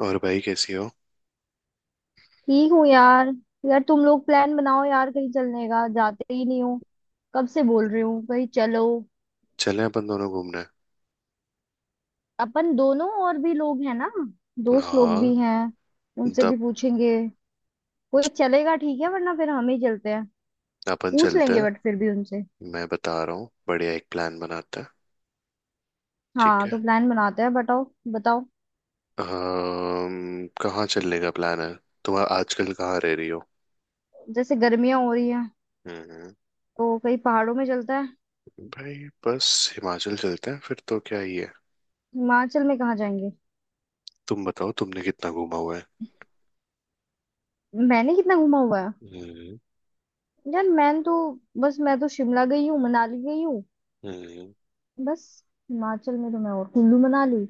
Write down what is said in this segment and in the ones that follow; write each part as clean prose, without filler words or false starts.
और भाई कैसी हो। ठीक हूँ यार। यार तुम लोग प्लान बनाओ यार, कहीं चलने का जाते ही नहीं हो। कब से बोल रही हूँ कहीं चलो। चलें अपन दोनों घूमने। अपन दोनों और भी लोग हैं ना, दोस्त लोग हाँ। भी हैं। उनसे तब भी पूछेंगे। कोई चलेगा ठीक है, वरना फिर हम ही चलते हैं। अपन पूछ चलते लेंगे हैं। बट फिर भी उनसे। मैं बता रहा हूँ बढ़िया एक प्लान बनाते हैं। ठीक हाँ है। तो प्लान बनाते हैं, बताओ। बताओ। कहाँ चलने का प्लान है? तुम आजकल कहाँ रह रही हो? जैसे गर्मियां हो रही हैं हम्म। तो कहीं पहाड़ों में चलता है। भाई। बस। हिमाचल चलते हैं फिर तो क्या ही है। हिमाचल में कहाँ जाएंगे? तुम बताओ तुमने कितना घूमा हुआ है। मैंने कितना घूमा हुआ है? हम्म। यार मैं तो, बस मैं तो शिमला गई हूँ, मनाली गई हूँ। हम्म। बस। हिमाचल में तो मैं और कुल्लू मनाली,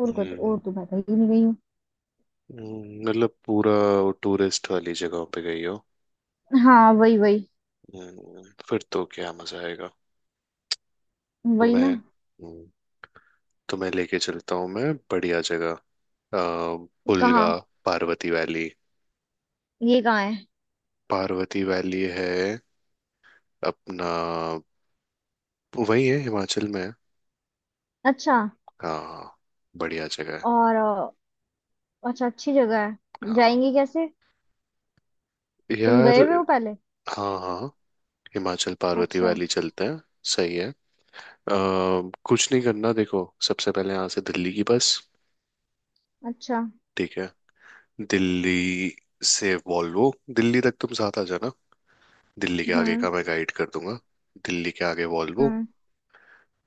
और को और हम्म। तो मैं कहीं नहीं गई हूँ। मतलब पूरा टूरिस्ट वाली जगहों पे गई हो। हाँ वही वही। हम्म। फिर तो क्या मजा आएगा। वही ना। तुम्हें। तुम्हें लेके चलता हूँ मैं बढ़िया जगह। अ, पुलगा। कहाँ? पार्वती वैली। ये कहाँ है? पार्वती वैली है। अपना वही है हिमाचल में है। अच्छा। हाँ। बढ़िया जगह है। और अच्छा, अच्छी जगह है, हाँ। जाएंगे कैसे? तुम यार। गए हुए हो पहले? हाँ हाँ। हिमाचल पार्वती अच्छा। वैली चलते हैं। सही है। अ, कुछ नहीं करना देखो सबसे पहले यहाँ से दिल्ली की बस। अच्छा। ठीक है। दिल्ली से वॉल्वो। दिल्ली तक तुम साथ आ जाना। दिल्ली के आगे हम्म। का मैं गाइड कर दूंगा। दिल्ली के आगे वॉल्वो। हम्म।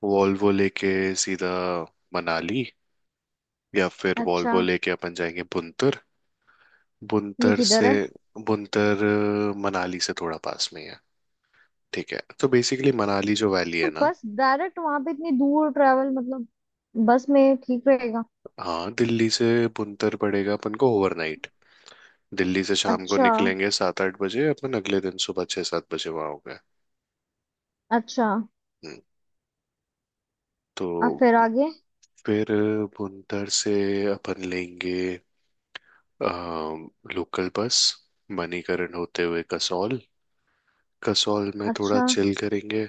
वॉल्वो लेके सीधा मनाली। या फिर अच्छा। वॉल्वो लेके अपन जाएंगे बुनतर। ये बुनतर किधर से। है? बुनतर मनाली से थोड़ा पास में ही है। ठीक है तो बेसिकली मनाली जो वैली तो है ना। बस डायरेक्ट वहां पे इतनी दूर ट्रैवल मतलब बस में ठीक रहेगा? हाँ दिल्ली से बुनतर पड़ेगा अपन को ओवरनाइट। दिल्ली से शाम को अच्छा। निकलेंगे 7 8 बजे। अपन अगले दिन सुबह 6 7 बजे वहाँ हो गए। अच्छा। हम्म। अब तो फिर आगे? फिर बुनतर से अपन लेंगे लोकल बस। मणिकरण होते हुए कसौल। कसौल में थोड़ा अच्छा। चिल करेंगे।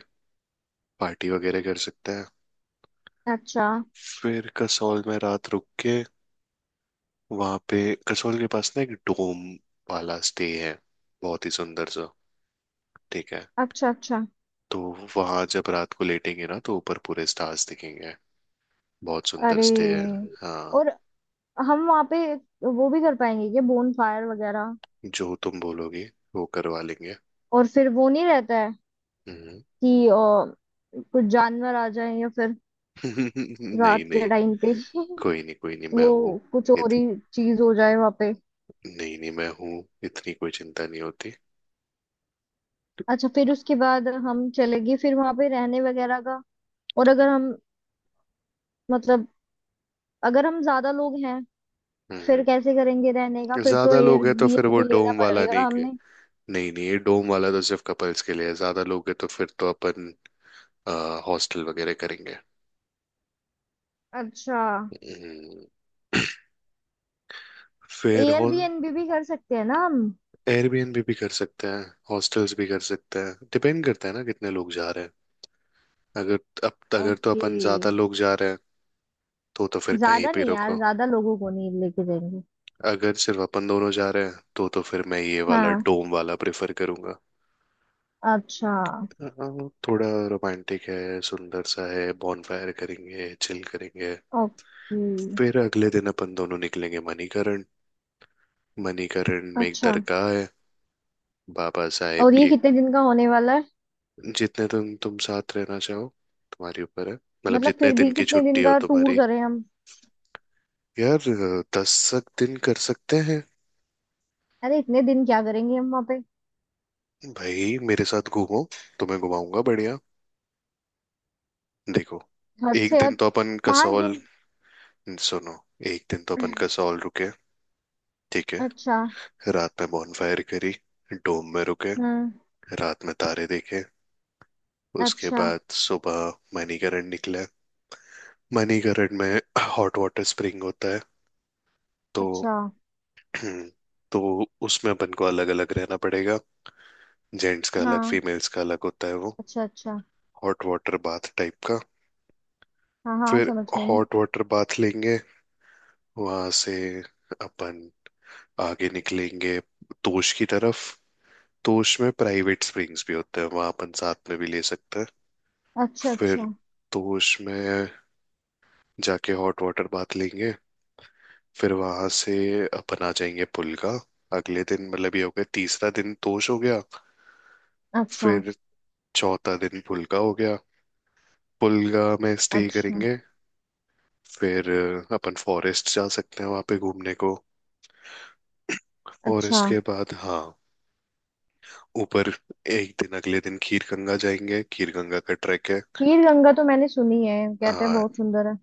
पार्टी वगैरह कर सकते हैं। अच्छा। फिर कसौल में रात रुक के वहां पे। कसौल के पास ना एक डोम वाला स्टे है। बहुत ही सुंदर सा। ठीक है। अच्छा। अच्छा। तो वहां जब रात को लेटेंगे ना तो ऊपर पूरे स्टार्स दिखेंगे। बहुत सुंदर अरे। स्टे है। हाँ। और हम वहाँ पे वो भी कर पाएंगे क्या, बोन फायर वगैरह? जो तुम बोलोगे वो करवा लेंगे। और फिर वो नहीं रहता है हम्म। कि कुछ जानवर आ जाए या फिर नहीं रात नहीं। के टाइम पे? कोई नहीं कोई नहीं मैं वो हूँ। कुछ और इत... ही चीज हो जाए वहाँ पे? नहीं नहीं मैं हूँ इतनी कोई चिंता नहीं होती। अच्छा फिर उसके बाद हम चलेंगे फिर वहाँ पे रहने वगैरह का। और अगर हम मतलब, अगर हम ज्यादा लोग हैं फिर हम्म। कैसे करेंगे रहने का? फिर तो ज्यादा लोग हैं तो फिर वो एयरबीएनबी लेना डोम वाला पड़ेगा नहीं। हमने। नहीं नहीं ये डोम वाला तो सिर्फ कपल्स के लिए है। ज्यादा लोग हैं तो फिर तो अपन हॉस्टल वगैरह करेंगे। अच्छा। हम्म। फिर एयरबीएनबी भी कर सकते हैं ना हम? एयरबीएनबी भी कर सकते हैं। हॉस्टल्स भी कर सकते हैं। डिपेंड करता है ना कितने लोग जा रहे हैं। अगर। अब अगर तो ओके। अपन ज्यादा लोग जा रहे हैं तो फिर कहीं ज्यादा भी नहीं यार, रुको। ज्यादा लोगों को नहीं लेके जाएंगे। अगर सिर्फ अपन दोनों जा रहे हैं तो फिर मैं ये वाला हाँ। डोम वाला प्रेफर करूंगा। अच्छा। थोड़ा रोमांटिक है सुंदर सा है। बॉनफायर करेंगे चिल करेंगे। ओके। फिर अगले दिन अपन दोनों निकलेंगे मणिकरण। मणिकरण में एक अच्छा, दरगाह है। बाबा साहेब और ये की। कितने दिन का होने वाला है? जितने दिन तुम साथ रहना चाहो। तुम्हारे ऊपर है मतलब मतलब जितने फिर दिन भी की कितने दिन छुट्टी हो का टूर तुम्हारी। करें हम? यार 10 तक दिन कर सकते हैं। अरे इतने दिन क्या करेंगे हम वहाँ पे? भाई मेरे साथ घूमो। तुम्हें घुमाऊंगा बढ़िया। देखो हद एक से दिन हद तो अपन पांच कसौल। दिन सुनो एक दिन तो अपन कसौल रुके। ठीक अच्छा। है। रात में बॉनफायर करी। डोम में रुके। हम्म। रात में तारे देखे। उसके अच्छा। बाद सुबह मणिकरण निकले। मणिकरण में हॉट वाटर स्प्रिंग होता है। तो अच्छा। तो उसमें अपन को अलग अलग रहना पड़ेगा। जेंट्स का अलग हाँ। फीमेल्स का अलग होता है वो। अच्छा। अच्छा। हॉट वाटर बाथ टाइप का। हाँ हाँ, फिर समझ गई मैं। हॉट वाटर बाथ लेंगे। वहां से अपन आगे निकलेंगे तोश की तरफ। तोश में प्राइवेट स्प्रिंग्स भी होते हैं। वहां अपन साथ में भी ले सकते हैं। अच्छा। फिर अच्छा। तोश में जाके हॉट वाटर बाथ लेंगे। फिर वहां से अपन आ जाएंगे पुलगा। अगले दिन मतलब ये हो गया तीसरा दिन तोश हो गया। अच्छा। फिर चौथा दिन पुलगा हो गया। पुलगा में स्टे अच्छा। करेंगे। फिर अपन फॉरेस्ट जा सकते हैं वहां पे घूमने को। अच्छा। फॉरेस्ट के बाद हाँ ऊपर एक दिन अगले दिन खीरगंगा जाएंगे। खीरगंगा का ट्रैक है। खीर गंगा तो मैंने सुनी है, कहते हैं आ, बहुत सुंदर है।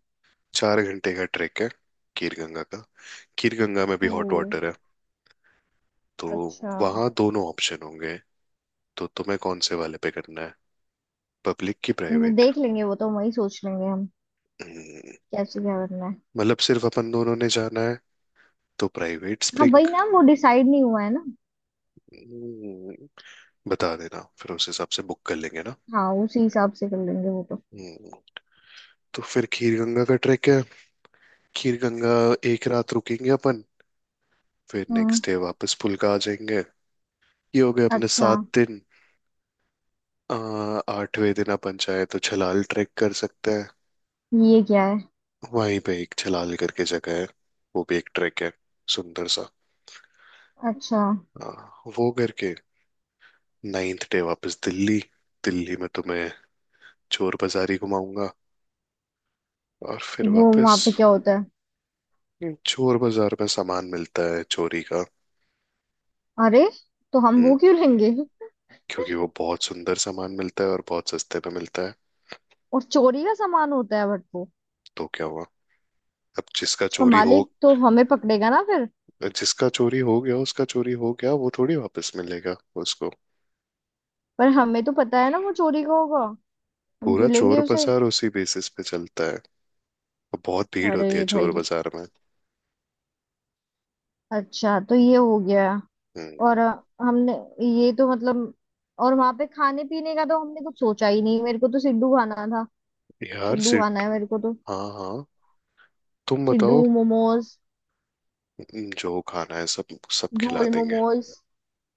4 घंटे का ट्रैक है खीरगंगा का। खीरगंगा में भी ओ। हॉट वाटर है। तो अच्छा। वहाँ दोनों ऑप्शन होंगे। तो तुम्हें कौन से वाले पे करना है? पब्लिक की वो प्राइवेट। देख लेंगे, वो तो वही सोच लेंगे हम कैसे क्या करना है। मतलब सिर्फ अपन दोनों ने जाना है तो प्राइवेट हाँ स्प्रिंग। वही ना, वो डिसाइड नहीं हुआ है ना। बता देना फिर उस हिसाब से बुक कर लेंगे ना। हाँ उसी हिसाब से कर लेंगे वो तो। हम्म। तो फिर खीर गंगा का ट्रैक है। खीर गंगा एक रात रुकेंगे अपन। फिर हम्म। नेक्स्ट डे वापस पुलका आ जाएंगे। ये हो गए अपने अच्छा। 7 दिन। अ, 8वें दिन अपन चाहे तो छलाल ट्रैक कर सकते हैं। ये क्या है? वहीं पे एक छलाल करके जगह है। वो भी एक ट्रैक है। सुंदर सा। अच्छा। अ, वो करके नाइन्थ डे वापस दिल्ली। दिल्ली में तुम्हें चोर बाजारी घुमाऊंगा। और फिर वो वापस। वहां पे क्या होता है? चोर बाजार में सामान मिलता है चोरी का। अरे तो हम हम्म, वो क्यों लेंगे? क्योंकि वो बहुत सुंदर सामान मिलता है और बहुत सस्ते पे मिलता है। और चोरी का सामान होता है बट वो तो क्या हुआ? अब जिसका उसका चोरी हो। मालिक तो हमें पकड़ेगा ना फिर? जिसका चोरी हो गया उसका चोरी हो गया वो थोड़ी वापस मिलेगा उसको। पर हमें तो पता है ना वो चोरी का होगा, हम पूरा क्यों लेंगे चोर उसे? बाजार उसी बेसिस पे चलता है। और बहुत भीड़ अरे होती है चोर भाई। बाजार में। अच्छा तो ये हो गया। और हम्म। हमने ये तो मतलब, और वहां पे खाने पीने का तो हमने कुछ सोचा ही नहीं, मेरे को तो सिड्डू खाना था। यार सिड्डू खाना सिट है मेरे को तो। हाँ हाँ। तुम सिड्डू बताओ। मोमोज। जो खाना है सब सब खिला झोल देंगे। मोमोज।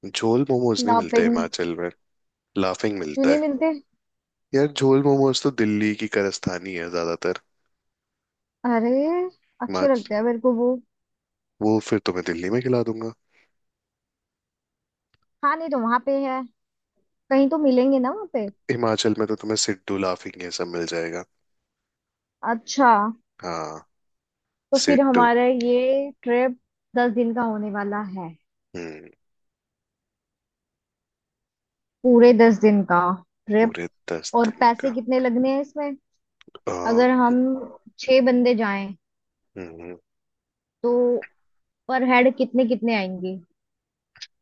झोल मोमोज नहीं मिलते लापिंग। हिमाचल में। लाफिंग क्यों मिलता नहीं है। मिलते? यार झोल मोमोज तो दिल्ली की कारस्तानी है ज्यादातर। अरे अच्छे हिमाचल। लगते हैं मेरे को वो। वो फिर तुम्हें दिल्ली में खिला दूंगा। खाने तो वहां पे है, कहीं तो मिलेंगे ना वहां पे? हिमाचल में तो तुम्हें सिड्डू लाफिंग ये सब मिल जाएगा। अच्छा। हाँ। तो फिर सिड्डू। हमारा ये ट्रिप 10 दिन का होने वाला है। हम्म। पूरे 10 दिन का ट्रिप। पूरे दस और दिन पैसे का। कितने लगने हैं इसमें? आ, अगर हम 6 बंदे जाएं हम्म। तो पर हेड कितने कितने आएंगे?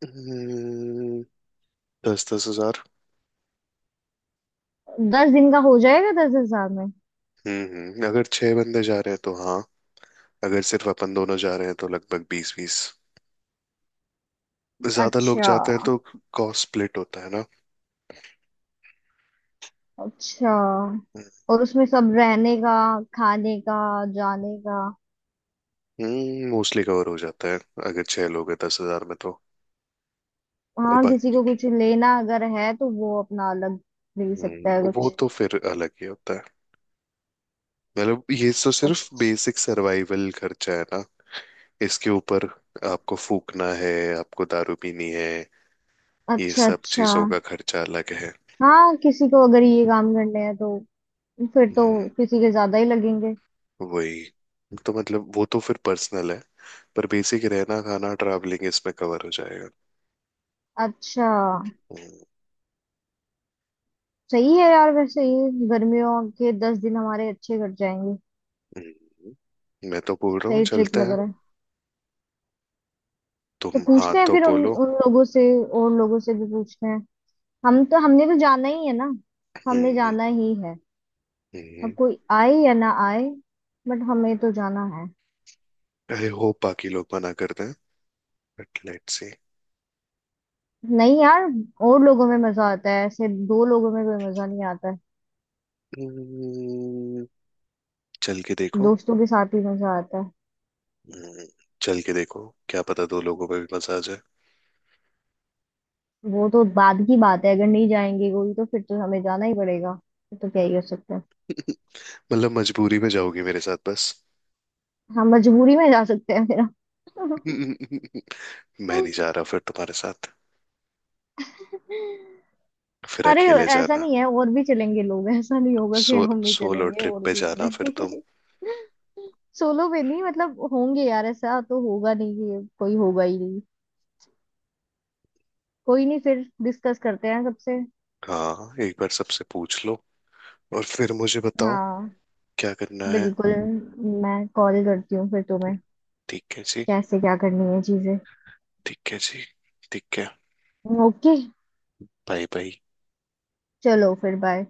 हम्म, 10-10 हजार। 10 दिन का हो जाएगा 10,000 में? हम्म। अगर 6 बंदे जा रहे हैं तो हाँ। अगर सिर्फ अपन दोनों जा रहे हैं तो लगभग 20-20 हजार। ज्यादा लोग अच्छा। जाते हैं तो कॉस्ट स्प्लिट होता है ना। अच्छा। और उसमें सब रहने का, खाने का, जाने का? मोस्टली कवर हो जाता है। अगर 6 लोग हैं 10,000 में तो। और हाँ किसी बाकी। को कुछ लेना अगर है तो वो अपना अलग ले सकता है वो कुछ। तो फिर अलग ही होता है। मतलब ये तो सिर्फ अच्छा। बेसिक सर्वाइवल खर्चा है ना। इसके ऊपर आपको फूकना है आपको दारू पीनी है। ये अच्छा। सब अच्छा। चीजों का खर्चा अलग है। हाँ किसी को अगर ये काम करने हैं तो फिर तो हम्म, किसी के ज्यादा ही लगेंगे। वही तो मतलब वो तो फिर पर्सनल है। पर बेसिक रहना खाना ट्रैवलिंग इसमें कवर हो जाएगा। अच्छा। हम्म। सही है यार, वैसे ये गर्मियों के 10 दिन हमारे अच्छे कट जाएंगे। हम्म। मैं तो बोल रहा हूँ सही ट्रिप चलते लग हैं। रहा है। तो तुम हाँ पूछते हैं तो फिर उन बोलो। उन लोगों से, और लोगों से भी पूछते हैं। हम तो, हमने तो जाना ही है ना, हमने हम्म। जाना ही है। अब हम्म। कोई आए या ना आए बट हमें तो जाना है। आई होप बाकी लोग मना करते हैं बट लेट्स सी। नहीं यार, और लोगों में मजा आता है, ऐसे दो लोगों में कोई मजा नहीं आता है। हम्म। चल के देखो। दोस्तों के साथ ही मजा आता है। हम्म। चल के देखो क्या पता दो लोगों में भी मजा आ जाए। वो तो बाद की बात है, अगर नहीं जाएंगे कोई तो फिर तो हमें जाना ही पड़ेगा, फिर तो क्या ही कर सकते हैं। मतलब मजबूरी में जाओगी मेरे साथ बस। हम मजबूरी में जा सकते हैं फिर। मैं नहीं जा रहा फिर तुम्हारे साथ। फिर अरे, अकेले ऐसा जाना। नहीं है और भी चलेंगे लोग, ऐसा नहीं होगा कि सो हम ही सोलो चलेंगे, ट्रिप और पे भी जाना फिर तुम। होंगे। सोलो पे नहीं मतलब, होंगे यार, ऐसा तो होगा नहीं कि ये कोई होगा ही नहीं। कोई नहीं, फिर डिस्कस करते हैं सबसे। हाँ एक बार सबसे पूछ लो और फिर मुझे बताओ हाँ। क्या करना है। बिल्कुल। मैं कॉल करती हूँ फिर तुम्हें ठीक है जी। कैसे क्या करनी है चीजें। ठीक है जी। ठीक है। ओके। Bye bye. चलो फिर बाय।